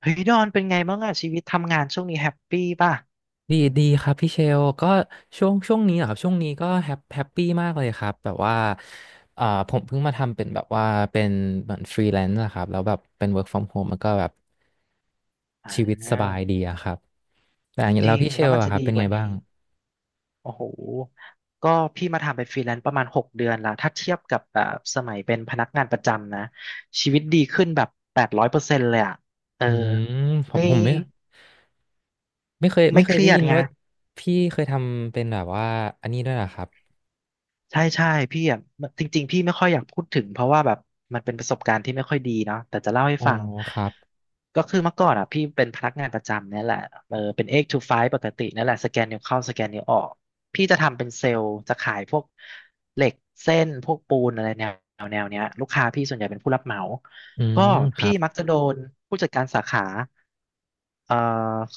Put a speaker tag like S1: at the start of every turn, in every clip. S1: เฮ้ยดอนเป็นไงบ้างอะชีวิตทำงานช่วงนี้แฮปปี้ป่ะ
S2: ดีดีครับพี่เชลก็ช่วงนี้เหครับช่วงนี้ก็แฮปปี้มากเลยครับแบบว่าเอ่อผมเพิ่งมาทำเป็นแบบว่าเป็นเหมือนฟรีแลนซ์นะครับแล้วแบบเป็น work from home มันก็แบบ
S1: อ่
S2: ชีวิตสบาย
S1: า
S2: ดีอะครับแต่อย่างนี้
S1: จ
S2: แล้ว
S1: ริง
S2: พี่เช
S1: แล้ว
S2: ล
S1: มัน
S2: อะ
S1: จะ
S2: ครับ
S1: ดี
S2: เป็น
S1: ก
S2: ไง
S1: ว่า
S2: บ้าง
S1: นี้โอ้โหก็พี่มาทำเป็นฟรีแลนซ์ประมาณ6 เดือนแล้วถ้าเทียบกับแบบสมัยเป็นพนักงานประจำนะชีวิตดีขึ้นแบบ800%เลยอะเออ
S2: อืมผม
S1: ไม่
S2: ผมไม่ไม่เคยไม่
S1: ไม่
S2: เค
S1: เค
S2: ย
S1: รี
S2: ได้
S1: ยด
S2: ยิน
S1: ไง
S2: ว่าพี่เคยทำเป็นแบบว่าอันนี้ด้วยเหรอครับ
S1: ใช่ใช่พี่อะจริงๆพี่ไม่ค่อยอยากพูดถึงเพราะว่าแบบมันเป็นประสบการณ์ที่ไม่ค่อยดีเนาะแต่จะเล่าให้
S2: อ๋อ
S1: ฟัง
S2: ครับ
S1: ก็คือเมื่อก่อนอ่ะพี่เป็นพนักงานประจำเนี่ยแหละเออเป็น eight to five ปกติเนี่ยแหละสแกนนิ้วเข้าสแกนนิ้วออกพี่จะทำเป็นเซลล์จะขายพวกเหล็กเส้นพวกปูนอะไรแนวแนวเนี้ยลูกค้าพี่ส่วนใหญ่เป็นผู้รับเหมา
S2: อื
S1: ก็
S2: มครั
S1: พี่
S2: บ
S1: มักจะโดนผู้จัดการสาขาเอ่อ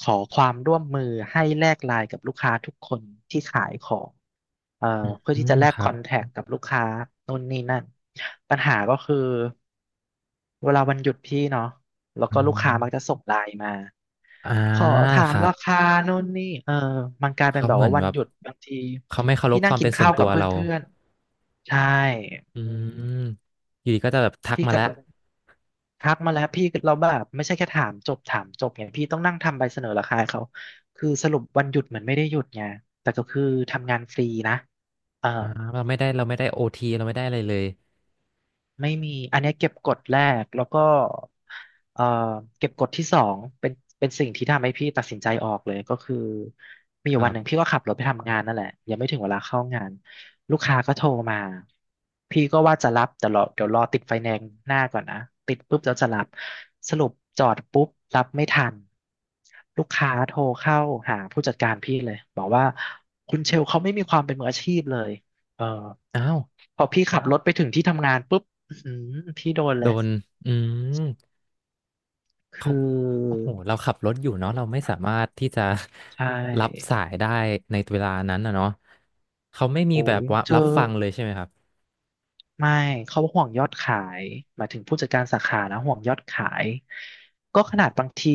S1: ขอความร่วมมือให้แลกไลน์กับลูกค้าทุกคนที่ขายของเอ่อเพื่อ
S2: อื
S1: ที่
S2: ม
S1: จะแล
S2: ค
S1: กค
S2: รั
S1: อ
S2: บ
S1: นแทคกับลูกค้านู่นนี่นั่นปัญหาก็คือเวลาวันหยุดพี่เนาะ แล้ว
S2: อ๋
S1: ก็ลูกค้ามักจะ
S2: อ
S1: ส่งไลน์มา
S2: อ่า
S1: ขอถา
S2: ค
S1: ม
S2: รับ
S1: ราคานู่นนี่เออมันกลายเป็น
S2: เขา
S1: แบบ
S2: เหมือ
S1: ว่า
S2: น
S1: วั
S2: แบ
S1: น
S2: บ
S1: หยุดบางที
S2: เขาไม่เคาร
S1: พี่
S2: พค
S1: นั่ง
S2: วาม
S1: กิ
S2: เป็
S1: น
S2: นส่ว
S1: ข้า
S2: น
S1: ว
S2: ตั
S1: กับ
S2: วเรา
S1: เพื่อนๆใช่
S2: อื
S1: อืม
S2: มอยู่ดีก็จะแบบทัก
S1: พี่
S2: มา
S1: ก็
S2: แล้ว
S1: แบบทักมาแล้วพี่เราแบบไม่ใช่แค่ถามจบถามจบไงพี่ต้องนั่งทำใบเสนอราคาให้เขาคือสรุปวันหยุดเหมือนไม่ได้หยุดไงแต่ก็คือทำงานฟรีนะเออ
S2: อ่าเราไม่ได้โอทีเราไม่ได้อะไรเลย
S1: ไม่มีอันเนี้ยเก็บกดแรกแล้วก็เอ่อเก็บกดที่สองเป็นสิ่งที่ทำให้พี่ตัดสินใจออกเลยก็คือมีอ
S2: ค
S1: ยู่
S2: รั
S1: วันหนึ่ง
S2: บ
S1: พี่ก็ขับรถไปทำงานนั่นแหละยังไม่ถึงเวลาเข้างานลูกค้าก็โทรมาพี่ก็ว่าจะรับแต่รอเดี๋ยวรอติดไฟแนนซ์หน้าก่อนนะติดปุ๊บแล้วจะรับสรุปจอดปุ๊บรับไม่ทันลูกค้าโทรเข้าหาผู้จัดการพี่เลยบอกว่าคุณเชลเขาไม่มีความเป็นมืออาชีพเลยเออ
S2: อ้าว
S1: พอพี่ขับรถไปถึงที่ทำงานปุ๊บ อืมพี่โดน
S2: โด
S1: เลย
S2: นอืมเขา
S1: คือ
S2: โอ้โหเราขับรถอยู่เนาะเราไม่สามารถที่จะ
S1: ใช
S2: รับ
S1: ่
S2: สายได้ในเวลานั้นนะเนาะเขาไม่มี
S1: โอ้
S2: แบบ
S1: ย
S2: ว่า
S1: เจอ
S2: รับฟังเลยใช่ไหมครับ
S1: ไม่เขาห่วงยอดขายหมายถึงผู้จัดการสาขานะห่วงยอดขายก็ขนาดบางที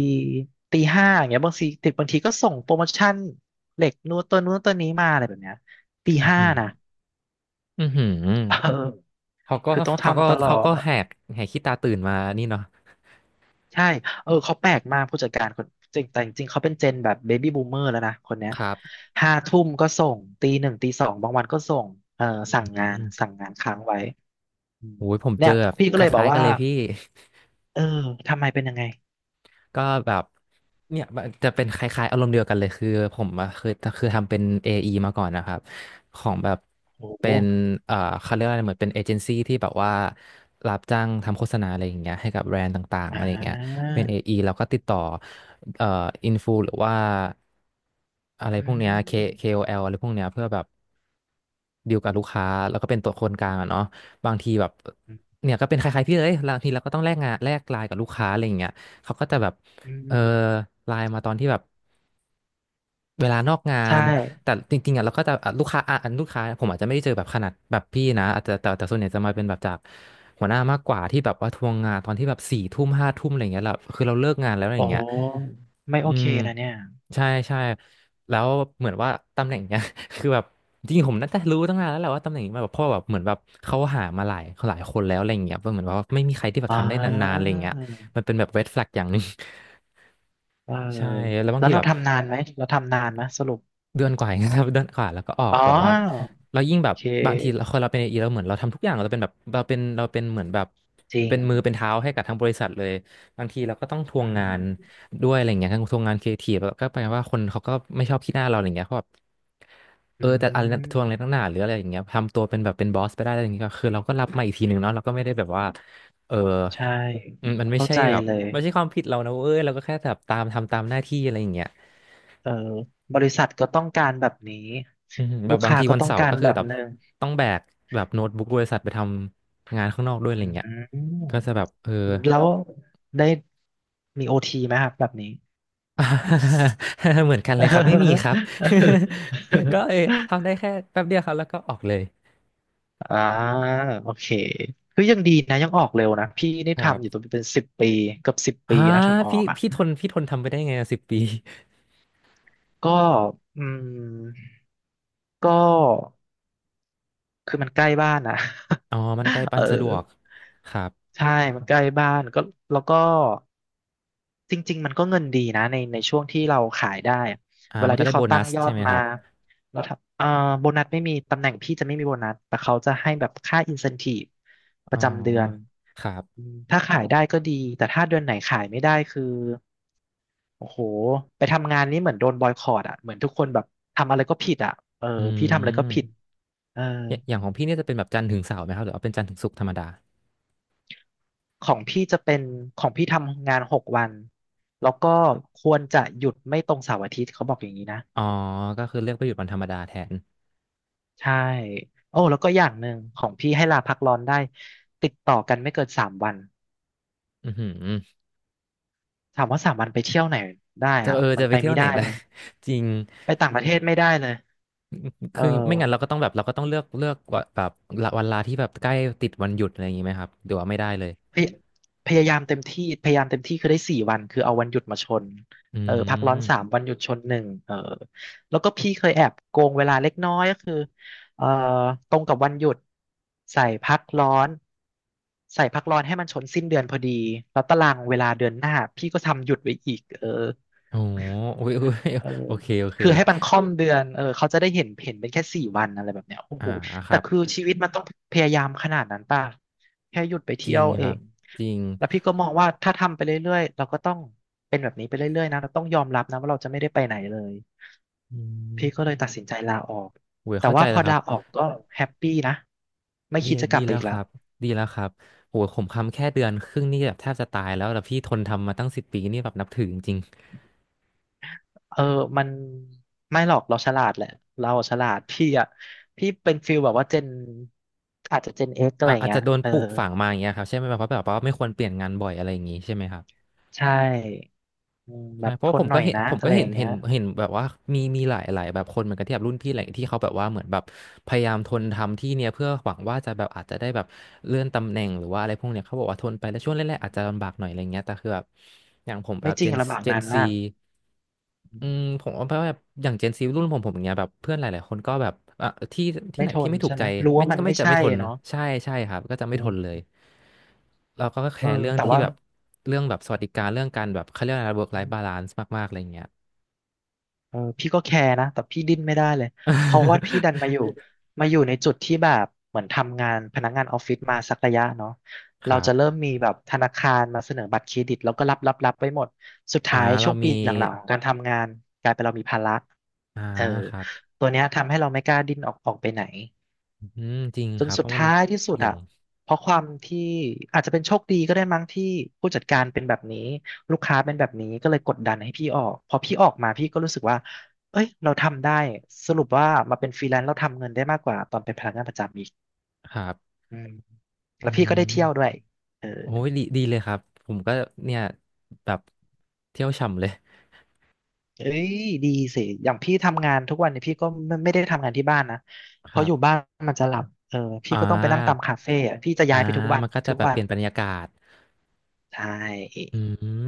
S1: ตีห้าอย่างเงี้ยบางทีติดบางทีก็ส่งโปรโมชั่นเหล็กนู้นตัวนู้นตัวนี้มาอะไรแบบเนี้ยตี
S2: อือ
S1: ห้า
S2: หือ
S1: นะ
S2: อือหือ
S1: เออ
S2: เขาก็
S1: คือต้อง
S2: เขาก็
S1: ทำตลอ
S2: เขาก็
S1: ด
S2: แหกแหกขี้ตาตื่นมานี่เนาะ
S1: ใช่ เออเขาแปลกมากผู้จัดการคนจริงแต่จริงๆ เขาเป็นเจนแบบเบบี้บูมเมอร์แล้วนะคนเนี้ย
S2: ครับ
S1: ห้าทุ่มก็ส่งตีหนึ่งตีสองบางวันก็ส่งเออ
S2: อื
S1: สั่งงาน
S2: ม
S1: สั่งงานค้างไว้อืม
S2: โอ้ยผมเจ
S1: เนี่
S2: อ
S1: ย
S2: แบบ
S1: พี่
S2: ค
S1: ก็เลยบอก
S2: ล้ายๆกั
S1: ว่า
S2: นเลยพี่
S1: เออทำไมเป็นยังไง
S2: ก็แบบเนี่ยมันจะเป็นคล้ายๆอารมณ์เดียวกันเลยคือผมอะคือทำเป็น AE มาก่อนนะครับของแบบ
S1: โอ้โห
S2: เป็นเขาเรียกว่าอะไรเหมือนเป็นเอเจนซี่ที่แบบว่ารับจ้างทำโฆษณาอะไรอย่างเงี้ยให้กับแบรนด์ต่างๆ
S1: อ่
S2: อะไรอย่างเงี้ย
S1: า
S2: เป็น AE แล้วก็ติดต่อเอ่ออินฟูหรือว่าอะไรพ
S1: อื
S2: วกเนี้ย
S1: ม
S2: KOL อแอลอะไรพวกเนี้ยเพื่อแบบ ดีลกับลูกค้าแล้วก็เป็นตัวคนกลางอะเนาะบางทีแบบเนี่ยก็เป็นคล้ายๆพี่เลยบางทีเราก็ต้องแลกงานแลกไลน์กับลูกค้าอะไรอย่างเงี้ยเขาก็จะแบบ
S1: อื
S2: เออ
S1: ม
S2: ไลน์มาตอนที่แบบเวลานอกงา
S1: ใช่
S2: นแต่จริงๆอ่ะเราก็จะอ่ะลูกค้าอ่ะอันลูกค้าผมอาจจะไม่ได้เจอแบบขนาดแบบพี่นะอาจจะแต่ส่วนใหญ่จะมาเป็นแบบจากหัวหน้ามากกว่าที่แบบว่าทวงงานตอนที่แบบสี่ทุ่มห้าทุ่มอะไรอย่างเงี้ยแหละคือเราเลิกงานแล้วอะไร
S1: โอ
S2: อย่างเงี้ย
S1: ้ไม่
S2: อื
S1: โอเค
S2: ม
S1: นะเนี่ย
S2: ใช่ใช่แล้วเหมือนว่าตำแหน่งเนี้ย คือแบบจริงๆผมน่าจะรู้ตั้งนานแล้วแหละว่าตำแหน่งนี้มาแบบเพราะว่อแบบเหมือนแบบเขาหามาหลายหลายคนแล้วอะไรอย่างเงี้ยเหมือนว่าไม่มีใครที่แบบ
S1: อ่า
S2: ทำได้นานๆอะไรอย่างเงี้ยมันเป็นแบบเ e ดแฟลกอย่างหนึ่ง
S1: เออ
S2: ใช่แล้วบาง
S1: แล้ว
S2: ที
S1: เรา
S2: แบบ
S1: ทำนานไหมเราทำนานไหมสรุป
S2: เดือนกว่าเองครับ เดือนกว่าแล้วก็ออก
S1: อ๋อ
S2: แบบว่าเรายิ่งแบ
S1: โอ
S2: บ
S1: เค
S2: บางทีเราคนเราเป็นเอเราเหมือนเราทำทุกอย่างเราเป็นแบบเราเป็นเหมือนแบบ
S1: จริง
S2: เป็นมือเป็นเท้าให้กับทั้งบริษัทเลยบางทีเราก็ต้องทว
S1: อื
S2: งงาน
S1: ม
S2: ด้วยอะไรเงี้ยทั้งทวงงานครีเอทีฟแล้วก็แปลว่าคนเขาก็ไม่ชอบขี้หน้าเราอะไรเงี้ยเพราะแบบเอ
S1: อื
S2: อแต่อะไรนะทวงอะไรตั้
S1: ม
S2: งหนาหรืออะไรอย่างเงี้ยทำตัวเป็นแบบเป็นบอสไปได้อะไรอย่างเงี้ยก็คือเราก็รับมาอีกทีหนึ่งเนาะเราก็ไม่ได้แบบว่าเออ
S1: ใช่
S2: อืมมันไม่
S1: เข้า
S2: ใช่
S1: ใจ
S2: แบบ
S1: เลย
S2: ไม่ใช่ความผิดเรานะเว้ยเราก็แค่แบบตามทำตามหน้าที่อะไรอย่างเงี้ย
S1: เออบริษัทก็ต้องการแบบนี้
S2: อืมแบ
S1: ลู
S2: บ
S1: ก
S2: บาง
S1: ค้า
S2: ที
S1: ก็
S2: วัน
S1: ต้อง
S2: เสาร์
S1: การ
S2: ก็คือ
S1: แบบ
S2: แบบ
S1: หนึ่ง
S2: ต้องแบกแบบโน้ตบุ๊กบริษัทไปทำงานข้างนอกด้วยอะไร
S1: อื
S2: เงี้ยก็จะแบบ
S1: ม
S2: เออ
S1: แล้วได้มีโอทีไหมครับแบบนี้
S2: เหมือนกันเลยครับไม่มีครับ ก็เออทำได้ แค่แป๊บเดียวครับแล้วก็ออกเลย
S1: อ่าโอเคคือยังดีนะยังออกเร็วนะพี่นี่
S2: ครั
S1: ทำอยู่
S2: บ
S1: ตัวเป็นสิบปีเกับสิบปี
S2: ฮะ
S1: นะถึงออ
S2: พี่
S1: กอ่ะ
S2: พี่ทนพี่ทนทำไปได้ไงสิบปี
S1: ก็อืมก็คือมันใกล้บ้านนะ
S2: อ๋อมันใกล้ ปั
S1: เอ
S2: น
S1: อ
S2: สะดวกครับ
S1: ใช่ มันใกล้บ้านก็แล้วก็จริงๆมันก็เงินดีนะในช่วงที่เราขายได้อะ
S2: อ่า
S1: เว
S2: มั
S1: ลา
S2: นก็
S1: ที่
S2: ได้
S1: เขา
S2: โบนั
S1: ตั้ง
S2: ส
S1: ยอ
S2: ใช่
S1: ด
S2: ไหมค
S1: มา
S2: รับ
S1: แล้วถ้าโบนัสไม่มีตำแหน่งพี่จะไม่มีโบนัสแต่เขาจะให้แบบค่าอินเซนทีฟป
S2: อ๋อ
S1: ระจำเดือน
S2: ครับ
S1: ถ้าขายได้ก็ดีแต่ถ้าเดือนไหนขายไม่ได้คือโอ้โหไปทำงานนี้เหมือนโดนบอยคอตอ่ะเหมือนทุกคนแบบทำอะไรก็ผิดอ่ะเออ
S2: อื
S1: พี่ทำอะไรก็ผิด
S2: ม
S1: เออ
S2: อย่างของพี่เนี่ยจะเป็นแบบจันทร์ถึงเสาร์ไหมครับหรือว่าเป็นจันทร์ถึงศุกร์ธรรมดา
S1: ของพี่จะเป็นของพี่ทำงาน6 วันแล้วก็ควรจะหยุดไม่ตรงเสาร์อาทิตย์เขาบอกอย่างนี้นะ
S2: อ๋อก็คือเลือกไปหยุดวันธรรมดาแทน
S1: ใช่โอ้แล้วก็อย่างหนึ่งของพี่ให้ลาพักร้อนได้ติดต่อกันไม่เกินสามวัน
S2: อือหือ
S1: ถามว่าสามวันไปเที่ยวไหนได้
S2: จะ
S1: อะ
S2: เออ
S1: มั
S2: จะ
S1: น
S2: ไป
S1: ไป
S2: เที่ย
S1: ไม่
S2: วไหน
S1: ได้
S2: ได้
S1: เลย
S2: จริง
S1: ไปต่างประเทศไม่ได้เลยเอ
S2: คือไม่งั้นเราก็
S1: อ
S2: ต้องแบบเราก็ต้องเลือกว่าแบบละวันลาที่แบบใกล้ติดวันหยุดอะไรอย่างงี้ไหมครับหรือว่าไม่ได้เลย
S1: พยพยายามเต็มที่พยายามเต็มที่คือได้4 วันคือเอาวันหยุดมาชน
S2: อื
S1: เออพักร้อนสาม
S2: ม
S1: วันหยุดชนหนึ่งเออแล้วก็พี่เคยแอบโกงเวลาเล็กน้อยก็คือเออตรงกับวันหยุดใส่พักร้อนใส่พักร้อนให้มันชนสิ้นเดือนพอดีแล้วตารางเวลาเดือนหน้าพี่ก็ทำหยุดไว้อีกเออ
S2: โอ้โหอุ๊ยอุ๊ย
S1: เออ
S2: โอเคโอเค
S1: คือให้มันค่อมเดือนเขาจะได้เห็นเป็นแค่สี่วันอะไรแบบเนี้ยโอ้
S2: อ่า
S1: โห
S2: ค
S1: แต่
S2: รับ
S1: คือชีวิตมันต้องพยายามขนาดนั้นป่ะแค่หยุดไป
S2: จ
S1: เที่
S2: ริ
S1: ย
S2: ง
S1: ว
S2: ค
S1: เอ
S2: รับ
S1: ง
S2: จริง
S1: แล้วพี่ก็มองว่าถ้าทำไปเรื่อยๆเราก็ต้องเป็นแบบนี้ไปเรื่อยๆนะเราต้องยอมรับนะว่าเราจะไม่ได้ไปไหนเลย
S2: อื
S1: พี่ก็เล
S2: ม
S1: ยตัดสินใจลาออก
S2: โอ้ย
S1: แต่
S2: เข้าใจ
S1: ว่าพ
S2: แล้
S1: อ
S2: วครั
S1: ลา
S2: บ
S1: ออกก็แฮปปี้นะไม่
S2: ดี
S1: คิดจะก
S2: ดี
S1: ลับไป
S2: แล้ว
S1: อีก
S2: ค
S1: แล้ว
S2: รับดีแล้วครับโอ้ยผมคำแค่เดือนครึ่งนี่แบบแทบจะตายแล้วแล้วพี่ทนทำมาตั้งสิบปีนี่แบบนับถือจริงๆ
S1: เออมันไม่หรอกเราฉลาดแหละเราฉลาดพี่อะพี่เป็นฟิลแบบว่าเจนอาจจะเจนเอ็กอะไร
S2: อ่ะ
S1: อย่าง
S2: อาจ
S1: เงี้
S2: จะ
S1: ย
S2: โดน
S1: เออ
S2: ปลูกฝังมาอย่างเงี้ยครับใช่ไหมแบบเพราะแบบว่าไม่ควรเปลี่ยนงานบ่อยอะไรอย่างงี้ใช่ไหมครับ
S1: ใช่อืมแบ
S2: ใช่
S1: บ
S2: เพ
S1: ท
S2: ราะว่า
S1: น
S2: ผม
S1: หน่
S2: ก็
S1: อย
S2: เห็น
S1: นะ
S2: ผม
S1: อะ
S2: ก็
S1: ไรอ
S2: เห็น
S1: ย่างเงี้ย
S2: แบบว่ามีหลายแบบคนเหมือนกันที่แบบรุ่นพี่หลาที่เขาแบบว่าเหมือนแบบพยายามทนทำที่เนี่ยเพื่อหวังว่าจะแบบอาจจะได้แบบเลื่อนตำแหน่งหรือว่าอะไรพวกเนี้ยเขาบอกว่าทนไปแล้วช่วงแรกๆอาจจะลำบากหน่อยอะไรเงี้ยแต่คือแบบอย่างผมแบ
S1: ไม่
S2: บ
S1: จ
S2: เจ
S1: ริง
S2: น
S1: ลำบาก
S2: เจน
S1: นาน
S2: ซี
S1: มาก
S2: ผมว่าแบบอย่างเจนซีรุ่นผมอย่างเงี้ยแบบเพื่อนหลายๆคนก็แบบอ่ะที่
S1: ไม่
S2: ไหน
S1: ท
S2: ที่
S1: น
S2: ไม่ถูก
S1: ใช่ไห
S2: ใจ
S1: มรู้
S2: ไม่
S1: ว่ามัน
S2: ก็ไม่
S1: ไม่
S2: จะไม่
S1: ใช่
S2: ทน
S1: เนาะ
S2: ใช่ใช่ครับก็จะไม่
S1: อื
S2: ทนเล
S1: ม
S2: ยเราก็แค
S1: เออ
S2: ร์เรื่อง
S1: แต่
S2: ที่
S1: ว่า
S2: แบบเรื่องแบบสวัสดิการเรื่องการแบบเขาเรียกอะไร work life balance มากๆอะไรเงี้ย
S1: เออพี่ก็แคร์นะแต่พี่ดิ้นไม่ได้เลยเพราะว่าพี่ดั นมาอยู่ในจุดที่แบบเหมือนทำงานพนักงานออฟฟิศมาสักระยะเนาะ
S2: ค
S1: เรา
S2: รั
S1: จะเริ่
S2: บ
S1: มมีแบบธนาคารมาเสนอบัตรเครดิตแล้วก็รับไปหมดสุด
S2: อ่า
S1: ท้าย
S2: เรา
S1: ช่วง
S2: มี
S1: ปีหลังๆของการทำงานกลายเป็นเรามีภาระ
S2: อ่า
S1: เออ
S2: ครับ
S1: ตัวเนี้ยทำให้เราไม่กล้าดิ้นออกไปไหน
S2: อืมจริง
S1: จ
S2: ค
S1: น
S2: รับ เพ
S1: สุด
S2: ราะมัน
S1: ท้ายที่สุด
S2: เสี่ยง
S1: อะเพราะความที่อาจจะเป็นโชคดีก็ได้มั้งที่ผู้จัดการเป็นแบบนี้ลูกค้าเป็นแบบนี้ก็เลยกดดันให้พี่ออกพอพี่ออกมาพี่ก็รู้สึกว่าเอ้ยเราทำได้สรุปว่ามาเป็นฟรีแลนซ์เราทำเงินได้มากกว่าตอนเป็นพนักงานประจำอีก
S2: ครับ
S1: อืมแล้
S2: อื
S1: วพี่ก็ได้เที่ยวด้ว
S2: ม
S1: ยเออ
S2: โอ้ยดีดีเลยครับ ผมก็เนี่ยแบบเที่ยวฉ่ำเลย
S1: เอ้ยดีสิอย่างพี่ทำงานทุกวันเนี่ยพี่ก็ไม่ได้ทำงานที่บ้านนะ
S2: ค
S1: เพราะ
S2: รั
S1: อยู่
S2: บ
S1: บ้านมันจะหลับพี่
S2: อ่
S1: ก็ต้องไปนั่งตาม
S2: า
S1: คาเฟ่อะพี่จะ
S2: อ่า
S1: ย้ายไปทุกวัน
S2: มันก็จะ
S1: ทุก
S2: แบบ
S1: วั
S2: เป
S1: น
S2: ลี่ยนบรรยากาศ
S1: ใช่
S2: อื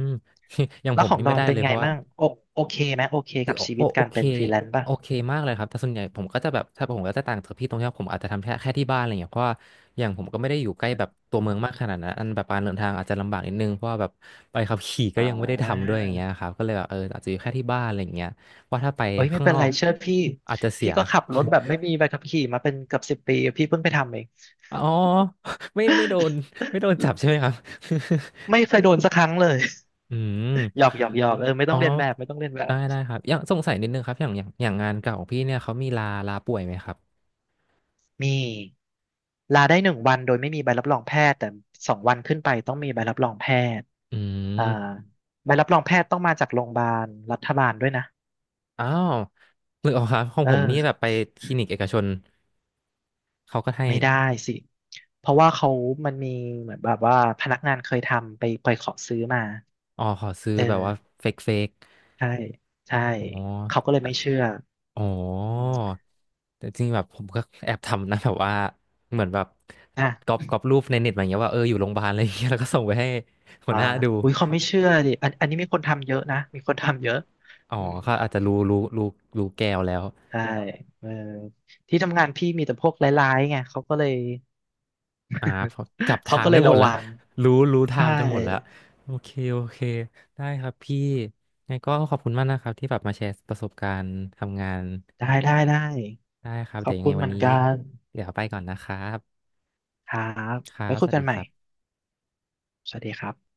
S2: ม อย่าง
S1: แล้
S2: ผ
S1: ว
S2: ม
S1: ของ
S2: นี่
S1: ด
S2: ไม่
S1: อน
S2: ได้
S1: เป็
S2: เล
S1: น
S2: ย
S1: ไง
S2: เพราะว่า
S1: มั่งโอโอเคไหมโอเคกับชีวิต
S2: โอ
S1: การ
S2: เค
S1: เป็นฟรีแลนซ์ป่ะ
S2: โอเคมากเลยครับ แต่ส่วนใหญ่ผมก็จะแบบ ถ้าผมก็จะต่างจากพี่ตรงที่ว่าผมอาจจะทำแค่ที่บ้านอะไรเงี้ยเพราะว่าอย่างผมก็ไม่ได้อยู่ใกล้แบบตัวเมืองมากขนาดนั้นอันแบบการเดินทางอาจจะลำบากนิดนึงเพราะว่าแบบไปขับขี่ก็
S1: อ่
S2: ยังไม่ได้ทำด้
S1: า
S2: วยอย่างเงี้ยครับก็เลยแบบอาจจะอยู่แค่ที่บ้านอะไรเงี้ยเพราะถ้าไป
S1: เอ้ยไม่
S2: ข้าง
S1: เป็
S2: น
S1: น
S2: อ
S1: ไร
S2: ก
S1: เชื่อพี่
S2: อาจจะเสี
S1: พี่
S2: ย
S1: ก็ขับรถแบบไม่มีใบขับขี่มาเป็นเกือบสิบปีพี่เพิ่งไปทำเอง
S2: อ๋อไม่ไม่โดนไม่โดนจับใช่ไหมครับ
S1: ไม่เคยโดนสักครั้งเลย
S2: อืม
S1: หยอกหยอกหยอกไม่
S2: อ๋
S1: ต้
S2: อ
S1: องเรียนแบบไม่ต้องเรียนแบ
S2: ได้
S1: บ
S2: ได้ครับอย่างสงสัยนิดนึงครับอย่างงานเก่าของพี่เนี่ยเขามีลาป่วยไหมครับ
S1: มีลาได้หนึ่งวันโดยไม่มีใบรับรองแพทย์แต่สองวันขึ้นไปต้องมีใบรับรองแพทย์
S2: อื
S1: อ่า
S2: ม
S1: ใบรับรองแพทย์ต้องมาจากโรงพยาบาลรัฐบาลด้วยนะ
S2: อ้าวหรืออกครับของ
S1: เออ
S2: ผมนี่แบบไปคลินิกเอกชนเขาก็ให้
S1: ไม่ได้สิเพราะว่าเขามันมีเหมือนแบบว่าพนักงานเคยทำไปขอซื้อมา
S2: อ๋อขอซื้อ
S1: เอ
S2: แบบ
S1: อ
S2: ว่าเฟก
S1: ใช่ใช่
S2: อ๋อ
S1: เขาก็เลยไม่เชื่อ
S2: อ๋อ
S1: อืม
S2: แต่จริงแบบผมก็แอบทำนะแบบว่าเหมือนแบบ
S1: อ่ะ
S2: ก๊อปรูปในเน็ตมาอย่างเงี้ยว่าอยู่โรงพยาบาลอะไรอย่างเงี้ยแล้วก็ส่งไปให้หัว
S1: อ่า
S2: หน้าดู
S1: อุ้ยเขาไม่เชื่อดิอันนี้มีคนทำเยอะนะมีคนทำเยอะ
S2: อ๋อ
S1: อืม
S2: เขาอาจจะรู้แก้วแล้ว
S1: ใช่เออที่ทำงานพี่มีแต่พวกร้ายๆไงเขาก็เลย
S2: อ่าพอจับ
S1: เขา
S2: ทาง
S1: ก็เล
S2: ได้
S1: ย
S2: หม
S1: ระ
S2: ดแล้ว
S1: วัง
S2: รู้ทา
S1: ใช่
S2: งกันหมดแล้ว โอเค โอเค ได้ครับพี่งั้งก็ขอบคุณมากนะครับที่แบบมาแชร์ประสบการณ์ทำงาน
S1: ได้ได้ได้
S2: ได้ครับ
S1: ข
S2: เดี๋
S1: อ
S2: ย
S1: บ
S2: วยัง
S1: คุ
S2: ไง
S1: ณเห
S2: วัน
S1: มือน
S2: นี้
S1: กัน
S2: เดี๋ยวไปก่อนนะครับ
S1: ครับ
S2: ครั
S1: ไว้
S2: บ
S1: คุ
S2: ส
S1: ย
S2: วัส
S1: กัน
S2: ดี
S1: ให
S2: ค
S1: ม่
S2: รับ
S1: สวัสดีครับ